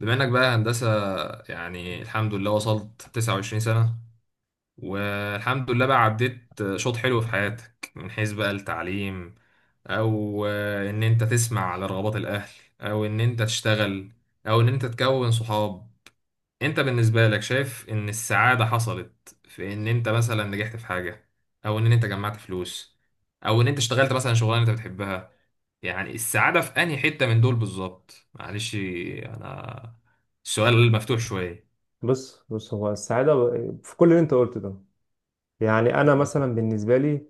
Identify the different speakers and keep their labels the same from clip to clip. Speaker 1: بما انك بقى هندسة يعني الحمد لله وصلت 29 سنة والحمد لله بقى عديت شوط حلو في حياتك من حيث بقى التعليم، او ان انت تسمع على رغبات الاهل، او ان انت تشتغل، او ان انت تكون صحاب. انت بالنسبة لك شايف ان السعادة حصلت في ان انت مثلا نجحت في حاجة، او ان انت جمعت فلوس، او ان انت اشتغلت مثلا شغلانة انت بتحبها؟ يعني السعادة في أنهي حتة من دول بالظبط؟ معلش أنا السؤال مفتوح شوية.
Speaker 2: بص بص، هو السعادة في كل اللي انت قلته ده. يعني انا مثلا بالنسبة لي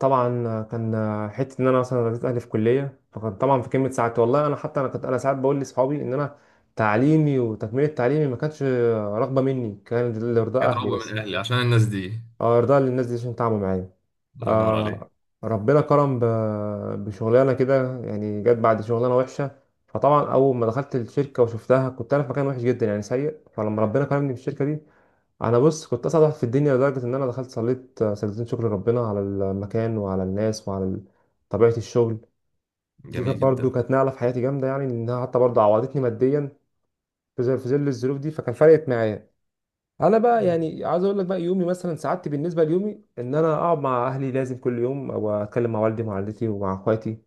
Speaker 2: طبعا كان حتة ان انا مثلا رضيت اهلي في كلية، فكان طبعا في كلمة سعادتي والله. انا حتى انا كنت انا ساعات بقول لاصحابي ان انا تعليمي وتكملة تعليمي ما كانتش رغبة مني، كان لرضا اهلي
Speaker 1: كتربوا
Speaker 2: بس.
Speaker 1: من أهلي عشان الناس دي.
Speaker 2: اه، ارضاء للناس دي عشان تعبوا معايا.
Speaker 1: الله ينور عليك.
Speaker 2: آه، ربنا كرم بشغلانه كده يعني، جت بعد شغلانه وحشه. فطبعا اول ما دخلت الشركه وشفتها كنت انا في مكان وحش جدا يعني سيء، فلما ربنا كرمني بالشركه دي انا بص كنت اسعد واحد في الدنيا، لدرجه ان انا دخلت صليت سجدتين شكر ربنا على المكان وعلى الناس وعلى طبيعه الشغل. دي كانت
Speaker 1: جميل
Speaker 2: برضو
Speaker 1: جدا.
Speaker 2: كانت نقله في حياتي جامده، يعني انها حتى برضو عوضتني ماديا في ظل الظروف دي، فكان فرقت معايا. انا بقى يعني عايز اقول لك بقى يومي، مثلا سعادتي بالنسبه ليومي ان انا اقعد مع اهلي لازم كل يوم، او اتكلم مع والدي ومع والدتي ومع اخواتي.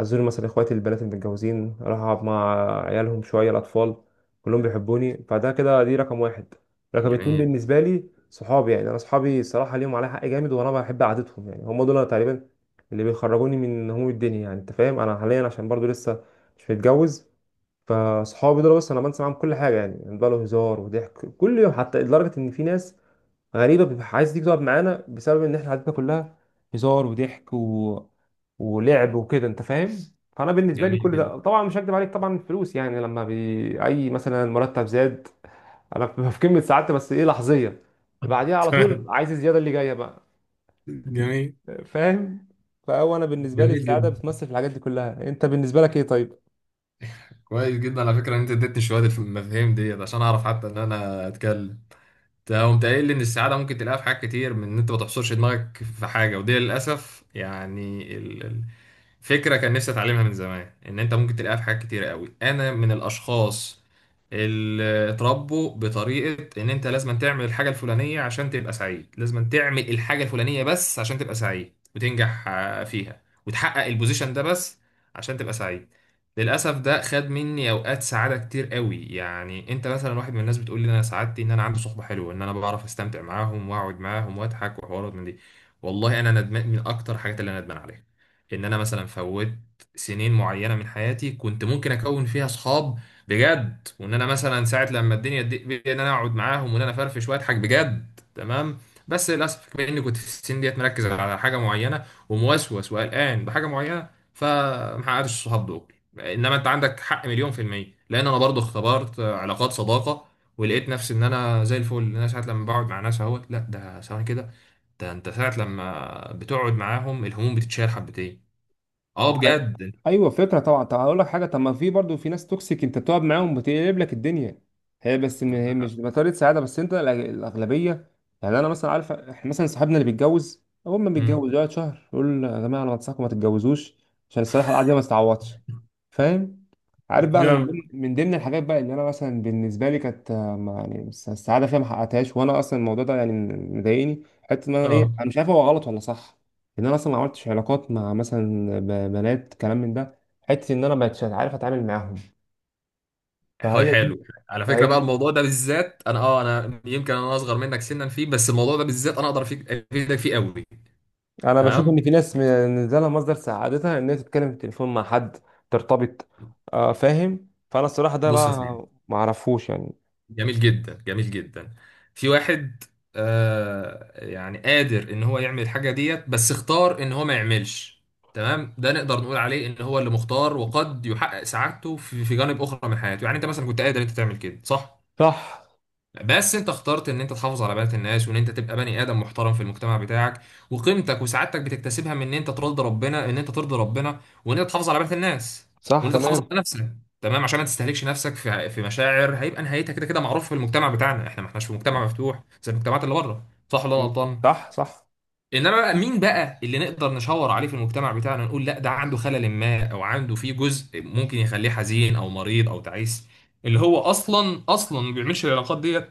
Speaker 2: ازور مثلا اخواتي البنات المتجوزين، اروح اقعد مع عيالهم شويه، الاطفال كلهم بيحبوني. فده كده دي رقم واحد. رقم اتنين
Speaker 1: جميل،
Speaker 2: بالنسبه لي صحابي، يعني انا صحابي الصراحه ليهم عليا حق جامد وانا بحب قعدتهم، يعني هم دول أنا تقريبا اللي بيخرجوني من هموم الدنيا. يعني انت فاهم، انا حاليا عشان برضو لسه مش متجوز، فصحابي دول بس انا بنسى معاهم كل حاجه يعني. يعني بقى له هزار وضحك كل يوم، حتى لدرجه ان في ناس غريبه بتبقى عايز تيجي تقعد معانا بسبب ان احنا قعدتنا كلها هزار وضحك ولعب وكده، انت فاهم. فانا بالنسبه لي
Speaker 1: جميل
Speaker 2: كل
Speaker 1: جدا.
Speaker 2: ده، طبعا مش هكدب عليك، طبعا الفلوس يعني لما اي مثلا مرتب زاد، انا ببقى في قمه سعادتي، بس ايه لحظيه، بعديها على طول
Speaker 1: تمام.
Speaker 2: عايز الزياده اللي جايه بقى.
Speaker 1: جميل.
Speaker 2: فاهم. فهو انا بالنسبه لي
Speaker 1: جميل
Speaker 2: السعاده
Speaker 1: جدا.
Speaker 2: بتمثل في الحاجات دي كلها. انت بالنسبه لك ايه طيب؟
Speaker 1: كويس جدا. على فكرة إن أنت اديتني شوية المفاهيم ديت عشان أعرف حتى إن أنا أتكلم. ده قمت قايل لي ان السعاده ممكن تلاقيها في حاجات كتير، من ان انت ما تحصرش دماغك في حاجه، ودي للاسف يعني فكره كان نفسي اتعلمها من زمان، ان انت ممكن تلاقيها في حاجات كتير قوي. انا من الاشخاص اللي اتربوا بطريقه ان انت لازم تعمل الحاجه الفلانيه عشان تبقى سعيد، لازم تعمل الحاجه الفلانيه بس عشان تبقى سعيد وتنجح فيها وتحقق البوزيشن ده بس عشان تبقى سعيد. للأسف ده خد مني أوقات سعادة كتير قوي. يعني أنت مثلا واحد من الناس بتقول لي إن أنا سعادتي إن أنا عندي صحبة حلوة، إن أنا بعرف أستمتع معاهم وأقعد معاهم وأضحك وحوارات من دي. والله أنا ندمان من أكتر الحاجات اللي أنا ندمان عليها إن أنا مثلا فوت سنين معينة من حياتي كنت ممكن أكون فيها صحاب بجد، وإن أنا مثلا ساعة لما الدنيا تضيق بي إن أنا أقعد معاهم وإن أنا أفرفش وأضحك بجد. تمام. بس للأسف بما إني كنت في السن ديت مركز على حاجة معينة وموسوس وقلقان بحاجة معينة فمحققتش الصحاب دول. انما انت عندك حق مليون في المية، لان انا برضو اختبرت علاقات صداقة ولقيت نفسي ان انا زي الفل، إن انا ساعة لما بقعد مع ناس اهوت لا ده ثواني كده. ده انت ساعة لما بتقعد معاهم الهموم بتتشال حبتين. اه
Speaker 2: على-
Speaker 1: بجد.
Speaker 2: ايوه فكره طبعا. طب اقول لك حاجه، طب ما في برضو في ناس توكسيك انت بتقعد معاهم بتقلب لك الدنيا، هي بس ان هي مش بطاريه سعاده، بس انت الاغلبيه. يعني انا مثلا عارف احنا مثلا صاحبنا اللي بيتجوز اول ما بيتجوز
Speaker 1: أمم.
Speaker 2: يقعد شهر يقول يا جماعه انا بنصحكم ما تتجوزوش عشان الصراحه القعده دي ما تتعوضش. فاهم. عارف بقى انا من
Speaker 1: جامد.
Speaker 2: ضمن من ضمن الحاجات بقى اللي انا مثلا بالنسبه لي كانت يعني السعاده فيها ما حققتهاش، وانا اصلا الموضوع ده يعني مضايقني، حته ان انا
Speaker 1: اه.
Speaker 2: ايه، انا مش عارف هو غلط ولا صح. ان انا اصلا ما عملتش علاقات مع مثلا بنات كلام من ده، حته ان انا ما بقتش عارف اتعامل معاهم.
Speaker 1: حلو
Speaker 2: فهي
Speaker 1: حلو.
Speaker 2: دي.
Speaker 1: على فكرة بقى
Speaker 2: فهي
Speaker 1: الموضوع ده بالذات انا اه انا يمكن انا اصغر منك سنا فيه، بس الموضوع ده بالذات انا اقدر افيدك فيه قوي.
Speaker 2: انا بشوف
Speaker 1: تمام.
Speaker 2: ان في ناس بالنسبه لها مصدر سعادتها ان هي تتكلم في التليفون مع حد ترتبط. فاهم. فانا الصراحه ده
Speaker 1: بص يا سيدي.
Speaker 2: بقى ما اعرفوش يعني.
Speaker 1: جميل جدا، جميل جدا. في واحد آه يعني قادر ان هو يعمل الحاجه ديت بس اختار ان هو ما يعملش. تمام. ده نقدر نقول عليه ان هو اللي مختار وقد يحقق سعادته في جانب اخرى من حياته. يعني انت مثلا كنت قادر انت تعمل كده، صح؟
Speaker 2: صح،
Speaker 1: بس انت اخترت ان انت تحافظ على بنات الناس، وان انت تبقى بني ادم محترم في المجتمع بتاعك. وقيمتك وسعادتك بتكتسبها من ان انت ترضي ربنا، ان انت ترضي ربنا وان انت تحافظ على بنات الناس
Speaker 2: صح،
Speaker 1: وان انت تحافظ
Speaker 2: تمام.
Speaker 1: على نفسك. تمام عشان ما تستهلكش نفسك في مشاعر هيبقى نهايتها كده، كده معروف في المجتمع بتاعنا، احنا ما احناش في مجتمع مفتوح زي المجتمعات اللي بره. صح ولا انا
Speaker 2: مم.
Speaker 1: غلطان؟
Speaker 2: صح، صح.
Speaker 1: انما بقى مين بقى اللي نقدر نشاور عليه في المجتمع بتاعنا نقول لا ده عنده خلل ما او عنده فيه جزء ممكن يخليه حزين او مريض او تعيس؟ اللي هو اصلا ما بيعملش العلاقات دي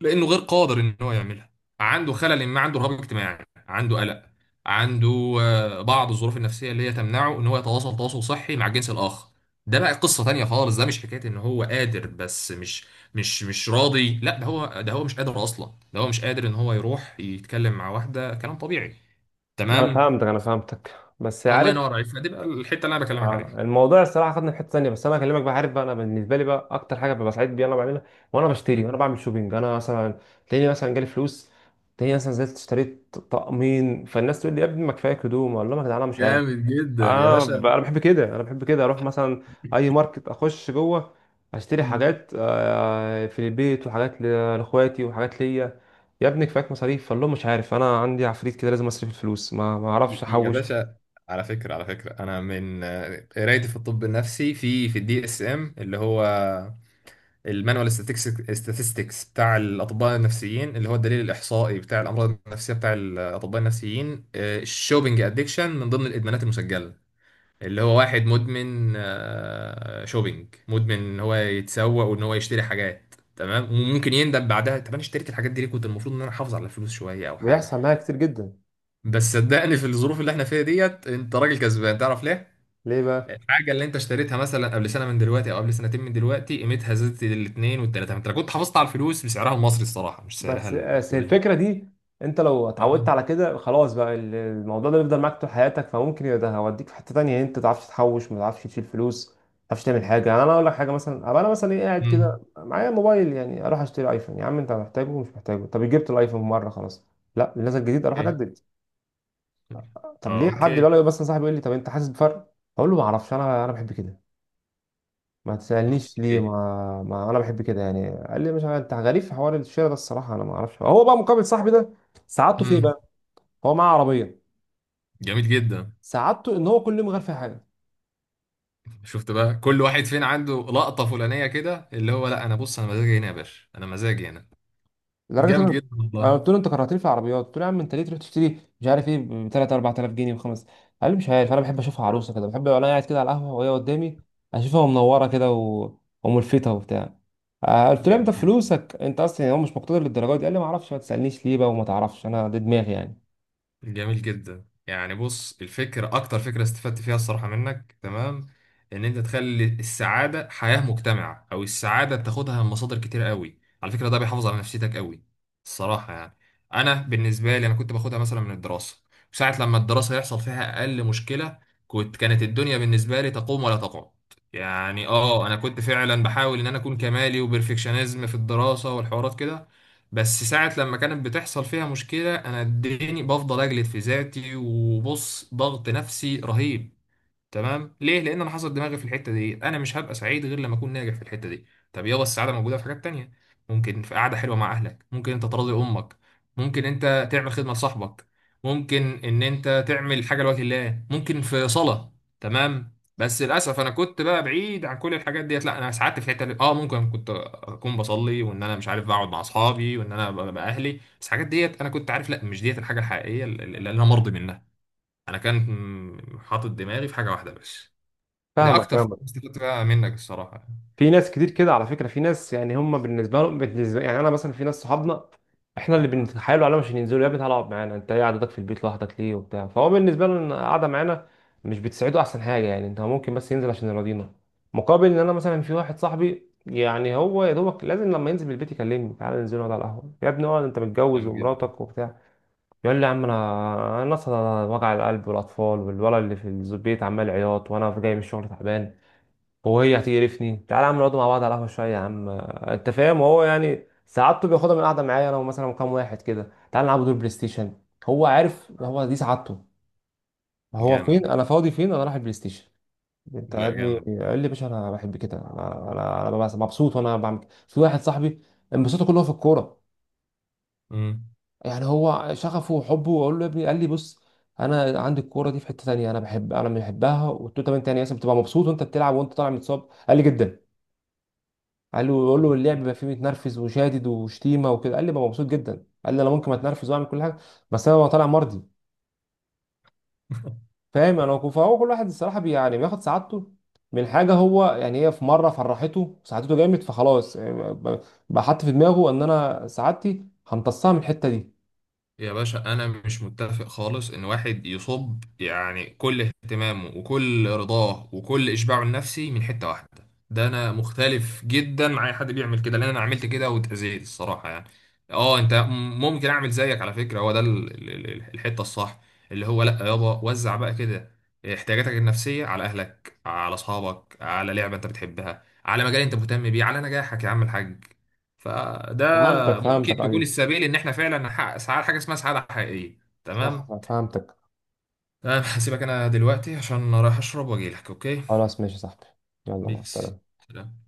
Speaker 1: لانه غير قادر ان هو يعملها. عنده خلل ما، عنده رهاب اجتماعي، عنده قلق، عنده بعض الظروف النفسيه اللي هي تمنعه ان هو يتواصل تواصل صحي مع الجنس الاخر. ده بقى قصه تانية خالص. ده مش حكايه ان هو قادر بس مش راضي، لا ده هو مش قادر اصلا. ده هو مش قادر ان هو يروح يتكلم مع واحده كلام طبيعي.
Speaker 2: انا
Speaker 1: تمام.
Speaker 2: فهمتك، انا فهمتك. بس
Speaker 1: الله ينور
Speaker 2: عارف،
Speaker 1: عليك. فدي بقى الحته اللي انا بكلمك عليها.
Speaker 2: الموضوع الصراحه خدنا في حته ثانيه، بس انا هكلمك بقى. عارف بقى انا بالنسبه لي بقى اكتر حاجه ببقى سعيد بيها انا بعملها وانا بشتري وانا
Speaker 1: مم.
Speaker 2: بعمل شوبينج. انا مثلا تلاقيني مثلا جالي فلوس، تلاقيني مثلا نزلت اشتريت طقمين، فالناس تقول لي يا ابني ما كفايك هدوم. اقول لهم يا جدعان انا مش عارف،
Speaker 1: جامد جدا يا
Speaker 2: انا
Speaker 1: باشا.
Speaker 2: انا بحب كده، انا بحب كده، اروح مثلا اي ماركت اخش جوه اشتري
Speaker 1: مم.
Speaker 2: حاجات في البيت وحاجات لاخواتي وحاجات ليا. يا ابني كفاك مصاريف، فقال لهم مش عارف انا عندي عفريت كده لازم اصرف الفلوس ما اعرفش
Speaker 1: يا
Speaker 2: احوش.
Speaker 1: باشا، على فكرة، على فكرة أنا من قرايتي في الطب النفسي، في في الدي اس ام اللي هو المانوال ستاتستكس بتاع الأطباء النفسيين، اللي هو الدليل الإحصائي بتاع الأمراض النفسية بتاع الأطباء النفسيين. الشوبينج أدكشن من ضمن الإدمانات المسجلة، اللي هو واحد مدمن شوبينج، مدمن إن هو يتسوق وإن هو يشتري حاجات. تمام. وممكن يندم بعدها، طب أنا اشتريت الحاجات دي ليه؟ كنت المفروض إن أنا أحافظ على الفلوس شوية أو حاجة.
Speaker 2: بيحصل معايا كتير جدا.
Speaker 1: بس صدقني في الظروف اللي احنا فيها ديت انت راجل كسبان، تعرف ليه؟
Speaker 2: ليه بقى؟
Speaker 1: الحاجة اللي انت اشتريتها مثلا قبل سنة من دلوقتي او قبل سنتين من دلوقتي قيمتها زادت الاتنين والتلاتة. انت لو كنت حافظت على الفلوس بسعرها المصري الصراحة مش سعرها
Speaker 2: بس
Speaker 1: الدولاري.
Speaker 2: الفكره دي، انت لو
Speaker 1: اه.
Speaker 2: اتعودت على كده خلاص بقى الموضوع ده بيفضل معاك طول حياتك، فممكن يبقى ده هوديك في حته تانية انت ما تعرفش تحوش، ما تعرفش تشيل فلوس، ما تعرفش تعمل حاجه. يعني انا اقول لك حاجه مثلا، أبقى انا مثلا ايه قاعد
Speaker 1: امم.
Speaker 2: كده معايا موبايل، يعني اروح اشتري ايفون. يا عم انت محتاجه ومش محتاجه، طب جبت الايفون مره خلاص، لا نزل جديد اروح
Speaker 1: اوكي.
Speaker 2: اجدد. طب
Speaker 1: اه،
Speaker 2: ليه؟ حد يقول
Speaker 1: اوكي.
Speaker 2: لي مثلا، صاحبي يقول لي طب انت حاسس بفرق؟ اقول له ما اعرفش، انا انا بحب كده، ما تسألنيش ليه،
Speaker 1: اوكي.
Speaker 2: ما انا بحب كده يعني. قال لي مش عارف انت غريب في حوار الشراء ده. الصراحه انا ما اعرفش. هو بقى مقابل صاحبي ده سعادته في ايه
Speaker 1: امم.
Speaker 2: بقى؟ هو معاه عربيه
Speaker 1: جميل جدا.
Speaker 2: سعادته ان هو كل يوم غير فيها حاجه،
Speaker 1: شفت بقى كل واحد فين عنده لقطة فلانية كده؟ اللي هو لا انا بص انا مزاجي هنا يا باشا، انا مزاجي هنا.
Speaker 2: لدرجه ان
Speaker 1: جامد
Speaker 2: انا،
Speaker 1: جدا
Speaker 2: أنا
Speaker 1: والله.
Speaker 2: قلت له انت كرهتني في العربيات. قلت له يا عم انت ليه تروح تشتري مش عارف ايه ب 3 4000 جنيه وخمس. قال لي مش عارف، انا بحب اشوفها عروسه كده، بحب وانا قاعد كده على القهوه وهي قدامي اشوفها منوره كده وملفته وبتاع. قلت له انت
Speaker 1: جميل جدا،
Speaker 2: فلوسك انت اصلا يعني، هو مش مقتدر للدرجه دي. قال لي ما اعرفش ما تسالنيش ليه بقى، وما تعرفش انا، ده دماغي يعني.
Speaker 1: جميل جدا. يعني بص الفكرة أكتر فكرة استفدت فيها الصراحة منك، تمام، إن أنت تخلي السعادة حياة مجتمعة، أو السعادة بتاخدها من مصادر كتير قوي. على فكرة ده بيحافظ على نفسيتك قوي الصراحة يعني. أنا بالنسبة لي أنا كنت باخدها مثلا من الدراسة، ساعة لما الدراسة يحصل فيها أقل مشكلة كانت الدنيا بالنسبة لي تقوم ولا تقعد. يعني آه أنا كنت فعلا بحاول إن أنا أكون كمالي وبرفكشنزم في الدراسة والحوارات كده. بس ساعة لما كانت بتحصل فيها مشكلة أنا اديني بفضل أجلد في ذاتي، وبص ضغط نفسي رهيب. تمام. ليه؟ لان انا حاطط دماغي في الحته دي، انا مش هبقى سعيد غير لما اكون ناجح في الحته دي. طب يلا السعاده موجوده في حاجات تانية، ممكن في قعده حلوه مع اهلك، ممكن انت تراضي امك، ممكن انت تعمل خدمه لصاحبك، ممكن ان انت تعمل حاجه لوجه الله، ممكن في صلاه. تمام. بس للاسف انا كنت بقى بعيد عن كل الحاجات ديت، لا انا سعدت في الحته دي. اه ممكن كنت اكون بصلي وان انا مش عارف بقعد مع اصحابي وان انا ببقى اهلي، بس الحاجات ديت انا كنت عارف لا مش ديت الحاجه الحقيقيه اللي انا مرضي منها. انا كان حاطط دماغي في حاجه واحده بس. فدي
Speaker 2: فاهمك،
Speaker 1: اكتر حاجة
Speaker 2: فاهمك.
Speaker 1: استفدت بقى منك الصراحه يعني.
Speaker 2: في ناس كتير كده على فكرة، في ناس يعني هم بالنسبة لهم، بالنسبة يعني، أنا مثلا في ناس صحابنا إحنا اللي بنتحايلوا عليهم عشان ينزلوا. يا ابني تعالى اقعد معانا، أنت إيه قعدتك في البيت لوحدك ليه وبتاع؟ فهو بالنسبة له إن قاعدة معانا مش بتساعده، أحسن حاجة يعني أنت ممكن بس ينزل عشان يراضينا. مقابل إن أنا مثلا في واحد صاحبي يعني، هو يا دوبك لازم لما ينزل من البيت يكلمني تعالى ننزل نقعد على القهوة. يا ابني اقعد أنت متجوز
Speaker 1: جامد جدا.
Speaker 2: ومراتك وبتاع. يقول لي يا عم، أنا أنا أصلا وجع القلب والأطفال والولد اللي في البيت عمال عياط، وأنا جاي من الشغل تعبان وهي هتقرفني، تعالى يا عم نقعد مع بعض على القهوه شويه يا عم. انت فاهم. وهو يعني سعادته بياخدها من القعده معايا انا ومثلا كام واحد كده، تعالى نلعب دور بلاي ستيشن. هو عارف هو دي سعادته. هو فين
Speaker 1: جامد.
Speaker 2: انا فاضي، فين انا رايح البلاي ستيشن؟ انت يا
Speaker 1: لا،
Speaker 2: ابني!
Speaker 1: جامد جامد.
Speaker 2: قال لي يا باشا انا بحب كده، انا ببقى مبسوط وانا بعمل كده. في واحد صاحبي انبساطه كله في الكوره.
Speaker 1: مم.
Speaker 2: يعني هو شغفه وحبه. اقول له يا ابني، قال لي بص انا عندي الكوره دي في حته تانيه، انا بحب، انا بحبها. وقلت له طب انت يعني مثلا بتبقى مبسوط وانت بتلعب وانت طالع متصاب؟ قال لي جدا. قال له يقول له اللعب بيبقى فيه متنرفز وشادد وشتيمه وكده، قال لي ببقى مبسوط جدا. قال لي انا ممكن اتنرفز واعمل كل حاجه، بس انا ببقى طالع مرضي. فاهم انا فهو كل واحد الصراحه بي يعني بياخد سعادته من حاجه، هو يعني هي في مره فرحته سعادته جامد، فخلاص يعني بقى حاطط في دماغه ان انا سعادتي همتصها من الحته دي.
Speaker 1: يا باشا انا مش متفق خالص ان واحد يصب يعني كل اهتمامه وكل رضاه وكل اشباعه النفسي من حتة واحدة. ده انا مختلف جدا مع اي حد بيعمل كده لان انا عملت كده واتأذيت الصراحة يعني. اه انت ممكن اعمل زيك. على فكرة هو ده الحتة الصح، اللي هو لا يابا وزع بقى كده احتياجاتك النفسية على اهلك، على اصحابك، على لعبة انت بتحبها، على مجال انت مهتم بيه، على نجاحك يا عم الحاج. فده
Speaker 2: فهمتك، فهمتك،
Speaker 1: ممكن
Speaker 2: فهمتك،
Speaker 1: تكون
Speaker 2: ايوه.
Speaker 1: السبيل ان احنا فعلا نحقق سعاده، حاجه اسمها سعاده حقيقيه.
Speaker 2: صح،
Speaker 1: تمام.
Speaker 2: فهمتك.
Speaker 1: تمام. هسيبك انا دلوقتي عشان رايح اشرب واجي لك، اوكي.
Speaker 2: خلاص ماشي يا صاحبي، يلا مع
Speaker 1: بيكس.
Speaker 2: السلامه.
Speaker 1: سلام.